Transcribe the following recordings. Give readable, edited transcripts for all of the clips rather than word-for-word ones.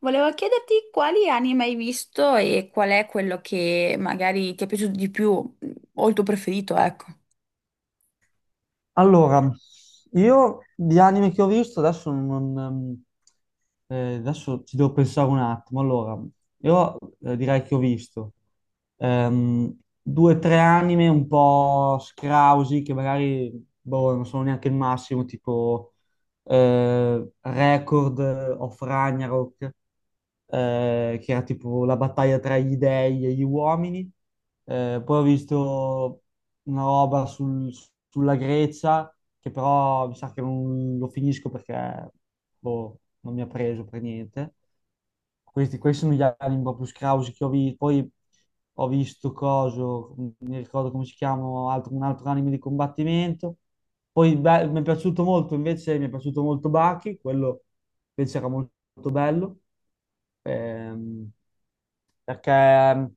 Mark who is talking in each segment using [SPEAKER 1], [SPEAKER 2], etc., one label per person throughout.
[SPEAKER 1] Volevo chiederti quali anime hai visto e qual è quello che magari ti è piaciuto di più o il tuo preferito, ecco.
[SPEAKER 2] Allora, io di anime che ho visto adesso non... adesso ci devo pensare un attimo. Allora, io direi che ho visto due o tre anime un po' scrausi che magari boh, non sono neanche il massimo, tipo Record of Ragnarok, che era tipo la battaglia tra gli dei e gli uomini. Poi ho visto una sulla Grecia, che però mi sa che non lo finisco perché boh, non mi ha preso per niente. Questi sono gli anime proprio scrausi che ho visto. Poi ho visto coso, non mi ricordo come si chiama, un altro anime di combattimento. Poi beh, mi è piaciuto molto, invece mi è piaciuto molto Baki, quello invece era molto bello, ehm, perché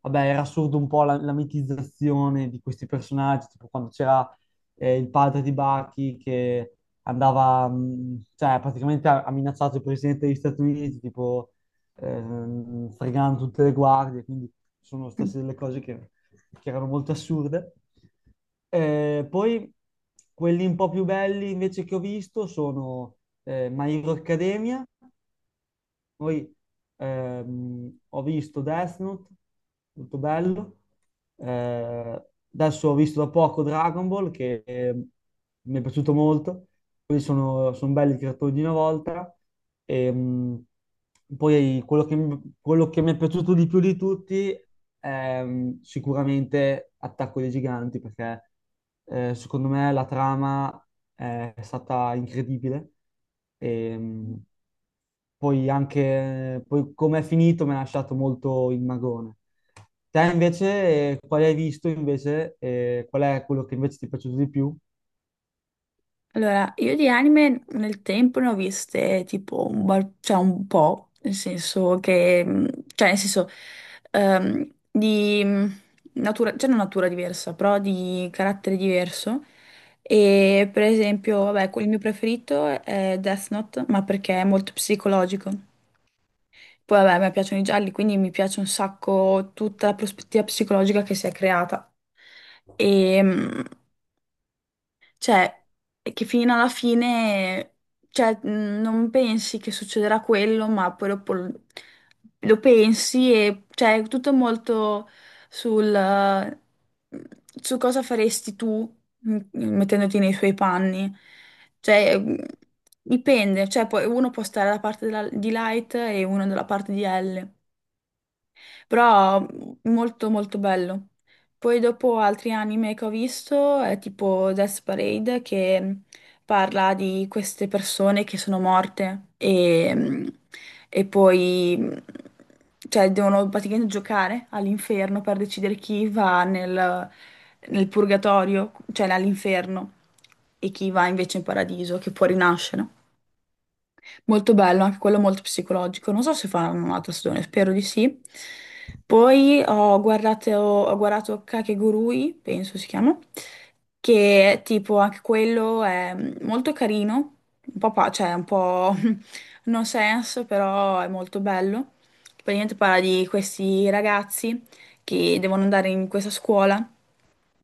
[SPEAKER 2] vabbè, era assurdo un po' la mitizzazione di questi personaggi, tipo quando c'era il padre di Bucky che andava, cioè praticamente ha minacciato il presidente degli Stati Uniti, tipo fregando tutte le guardie, quindi sono
[SPEAKER 1] Mm.
[SPEAKER 2] state delle cose che erano molto assurde. Poi quelli un po' più belli invece che ho visto sono My Hero Academia, poi ho visto Death Note, molto bello. Eh, Adesso ho visto da poco Dragon Ball, che mi è piaciuto molto. Quelli sono belli creatori di una volta. E, mh, Poi quello che, quello che mi è piaciuto di più di tutti è sicuramente Attacco dei Giganti, perché secondo me la trama è stata incredibile. E, mh, Poi anche poi come è finito mi ha lasciato molto il magone. Te invece, quale hai visto invece? Eh, qual è quello che invece ti è piaciuto di più?
[SPEAKER 1] Allora, io di anime nel tempo ne ho viste tipo cioè un po', nel senso che, cioè nel senso di natura, cioè non natura diversa, però di carattere diverso. E per esempio, vabbè, il mio preferito è Death Note, ma perché è molto psicologico. Poi vabbè, a me piacciono i gialli, quindi mi piace un sacco tutta la prospettiva psicologica che si è creata. E cioè, e che fino alla fine, cioè, non pensi che succederà quello, ma poi dopo lo pensi e cioè, è tutto molto sul su cosa faresti tu mettendoti nei suoi panni. Cioè, dipende, cioè, poi uno può stare dalla parte di Light e uno dalla parte di L. Però molto molto bello. Poi dopo altri anime che ho visto è tipo Death Parade che parla di queste persone che sono morte e poi cioè, devono praticamente giocare all'inferno per decidere chi va nel purgatorio, cioè all'inferno, e chi va invece in paradiso, che può rinascere. Molto bello, anche quello molto psicologico. Non so se faranno un'altra stagione, spero di sì. Poi ho guardato Kakegurui, penso si chiama, che tipo anche quello è molto carino, un po', cioè un po' no sense, però è molto bello. Praticamente parla di questi ragazzi che devono andare in questa scuola.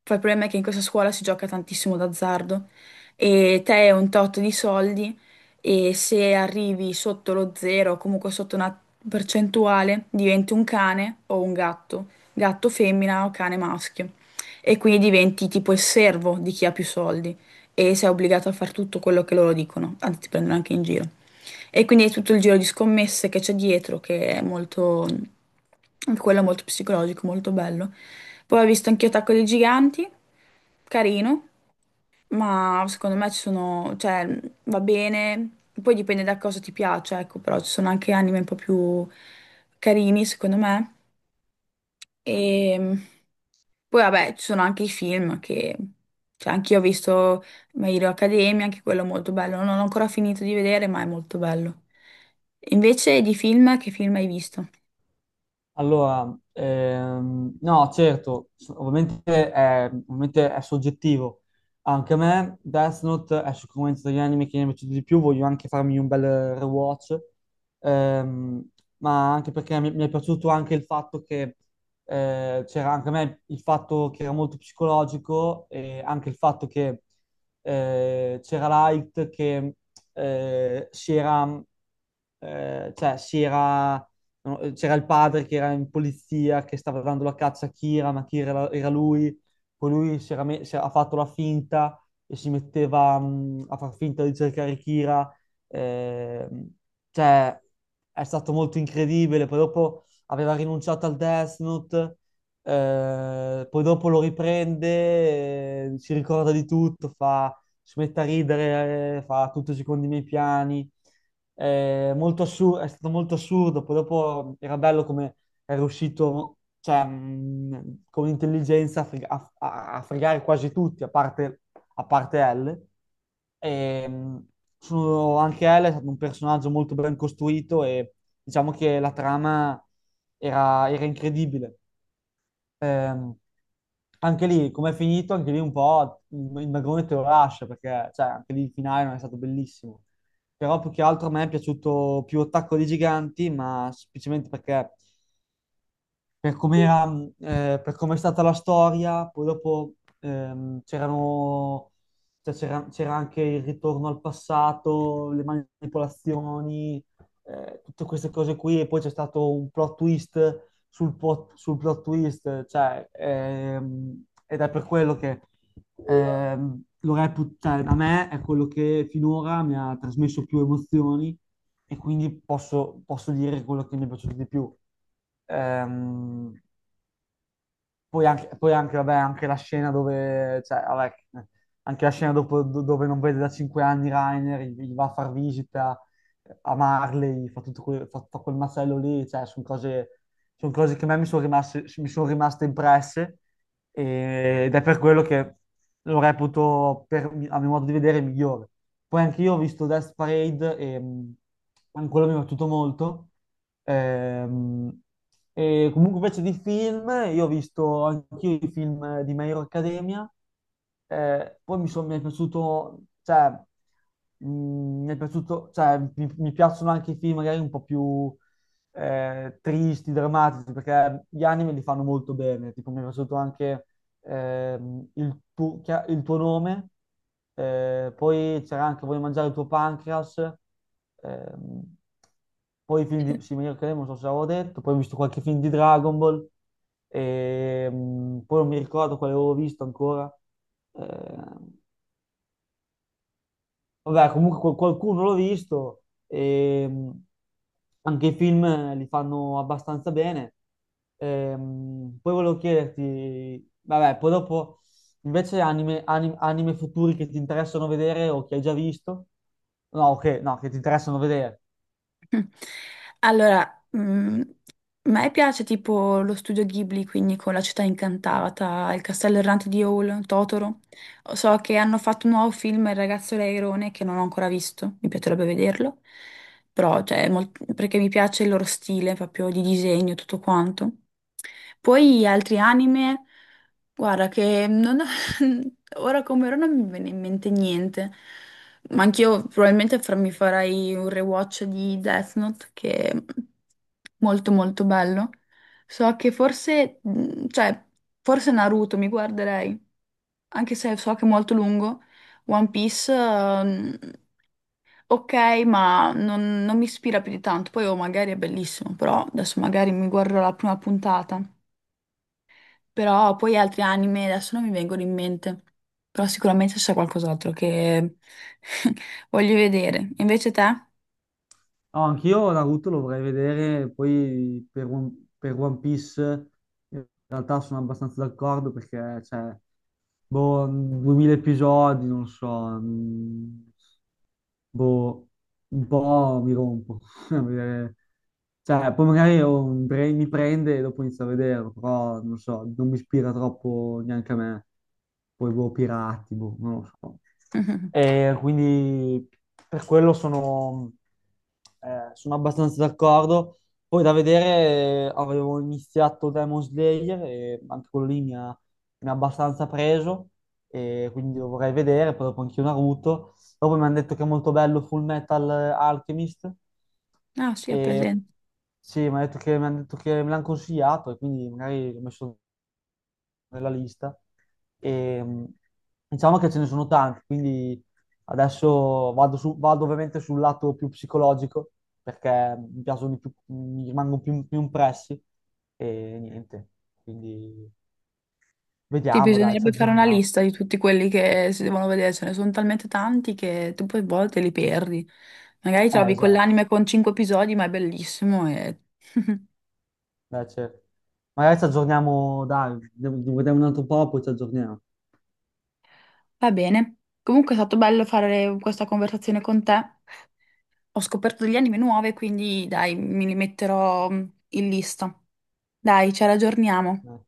[SPEAKER 1] Poi il problema è che in questa scuola si gioca tantissimo d'azzardo e te hai un tot di soldi, e se arrivi sotto lo zero o comunque sotto una percentuale diventi un cane o un gatto, gatto femmina o cane maschio, e quindi diventi tipo il servo di chi ha più soldi e sei obbligato a fare tutto quello che loro dicono, anzi ti prendono anche in giro. E quindi è tutto il giro di scommesse che c'è dietro, che è molto, anche quello è molto psicologico, molto bello. Poi ho visto anche Attacco dei Giganti, carino, ma secondo me ci sono, cioè, va bene, poi dipende da cosa ti piace, ecco, però ci sono anche anime un po' più carini, secondo me. E. Poi vabbè, ci sono anche i film che. Cioè, anch'io ho visto My Hero Academia, anche quello è molto bello. Non ho ancora finito di vedere, ma è molto bello. Invece di film, che film hai visto?
[SPEAKER 2] Allora, no, certo, ovviamente ovviamente è soggettivo. Anche a me Death Note è sicuramente degli anime che mi è piaciuto di più, voglio anche farmi un bel rewatch. Ehm, ma anche perché mi è piaciuto anche il fatto che c'era anche a me il fatto che era molto psicologico, e anche il fatto che c'era Light che si era, cioè, si era no, c'era il padre che era in polizia, che stava dando la caccia a Kira, ma Kira era lui, poi lui si era me- si era- ha fatto la finta e si metteva a far finta di cercare Kira. ehm, cioè, è stato molto incredibile, poi dopo aveva rinunciato al Death Note, poi dopo lo riprende, si ricorda di tutto, fa, si mette a ridere, fa tutto secondo i miei piani. È stato molto assurdo, poi dopo era bello come è riuscito, cioè, con intelligenza a fregare quasi tutti, a parte L. E, mh, Anche L è stato un personaggio molto ben costruito, e diciamo che la trama era incredibile. Ehm, Anche lì, come è finito, anche lì un po' il magone te lo lascia, perché cioè, anche lì il finale non è stato bellissimo. Però più che altro a me è piaciuto più Attacco dei Giganti, ma semplicemente perché per come era, per come è stata la storia. Poi dopo ehm, c'erano, cioè, c'era anche il ritorno al passato, le manipolazioni, tutte queste cose qui, e poi c'è stato un plot twist sul plot twist, cioè, ed è per quello che lo reputo, cioè, a me è quello che finora mi ha trasmesso più emozioni, e quindi posso dire quello che mi è piaciuto di più. Ehm, Poi anche, vabbè, anche la scena dove, cioè, vabbè, anche la dove non vede da cinque anni Rainer, gli va a far visita a Marley, fa tutto quel, fa quel macello lì, cioè, son cose che a me mi son rimaste impresse, ed è per quello che lo reputo, a mio modo di vedere, il migliore. Poi anche io ho visto Death Parade, e anche quello mi è piaciuto molto. Ehm, e comunque invece di film, io ho visto anch'io i film di My Hero Academia. Mi è piaciuto, mi è piaciuto, cioè, mi piacciono anche i film magari un po' più tristi, drammatici, perché gli anime li fanno molto bene, tipo mi è piaciuto anche il il tuo nome, poi c'era anche Voglio mangiare il tuo pancreas. ehm, Poi i film
[SPEAKER 1] Cioè.
[SPEAKER 2] di Simone Cremo, non so se l'avevo detto, poi ho visto qualche film di Dragon Ball, poi non mi ricordo quale avevo visto ancora. Ehm, Vabbè, comunque qualcuno l'ho visto, e anche i film li fanno abbastanza bene. Poi volevo chiederti, vabbè, poi dopo invece anime futuri che ti interessano vedere o che hai già visto? No, ok, no, che ti interessano vedere.
[SPEAKER 1] Allora, a me piace tipo lo studio Ghibli, quindi con La città incantata, Il castello errante di Howl, Totoro. So che hanno fatto un nuovo film, Il ragazzo leirone, che non ho ancora visto, mi piacerebbe vederlo, però cioè, perché mi piace il loro stile proprio di disegno, e tutto quanto. Poi altri anime, guarda che ora come ora non mi viene in mente niente. Ma anch'io probabilmente mi farei un rewatch di Death Note che è molto molto bello. So che forse, cioè, forse Naruto mi guarderei, anche se so che è molto lungo. One Piece, ok, ma non mi ispira più di tanto. Poi oh, magari è bellissimo, però adesso magari mi guarderò la prima puntata. Però poi altri anime adesso non mi vengono in mente. Però sicuramente c'è qualcos'altro che voglio vedere. Invece te?
[SPEAKER 2] No, anch'io Naruto lo vorrei vedere, poi per One Piece in realtà sono abbastanza d'accordo perché, cioè, boh, 2000 episodi, non so, mm, boh, un po' mi rompo. a vedere- Cioè, poi magari mi prende e dopo inizio a vederlo, però non so, non mi ispira troppo neanche a me. Poi boh, pirati, boh, non lo so.
[SPEAKER 1] Mhm.
[SPEAKER 2] E quindi per quello sono, sono abbastanza d'accordo. Poi da vedere, avevo iniziato Demon Slayer, e anche quello lì mi ha abbastanza preso, e quindi lo vorrei vedere, poi dopo anche io Naruto. Dopo mi hanno detto che è molto bello Full Metal Alchemist.
[SPEAKER 1] Ah, sì, ho
[SPEAKER 2] E
[SPEAKER 1] presente.
[SPEAKER 2] sì, mi hanno detto che me l'hanno consigliato, e quindi magari l'ho messo nella lista. E, mh, diciamo che ce ne sono tanti, quindi adesso vado ovviamente sul lato più psicologico perché mi piacciono di più, mi più impressi, e niente. Quindi
[SPEAKER 1] Sì,
[SPEAKER 2] vediamo, dai, ci
[SPEAKER 1] bisognerebbe fare una
[SPEAKER 2] aggiorniamo.
[SPEAKER 1] lista di tutti quelli che si devono vedere. Ce ne sono talmente tanti che tu poi a volte li perdi. Magari trovi
[SPEAKER 2] Esatto.
[SPEAKER 1] quell'anime con cinque episodi, ma è bellissimo e.
[SPEAKER 2] Beh, certo. Magari ci aggiorniamo, dai, vediamo un altro po', poi ci aggiorniamo.
[SPEAKER 1] Va bene. Comunque è stato bello fare questa conversazione con te. Ho scoperto degli anime nuove, quindi dai, mi li metterò in lista. Dai, ci raggiorniamo.
[SPEAKER 2] Dai.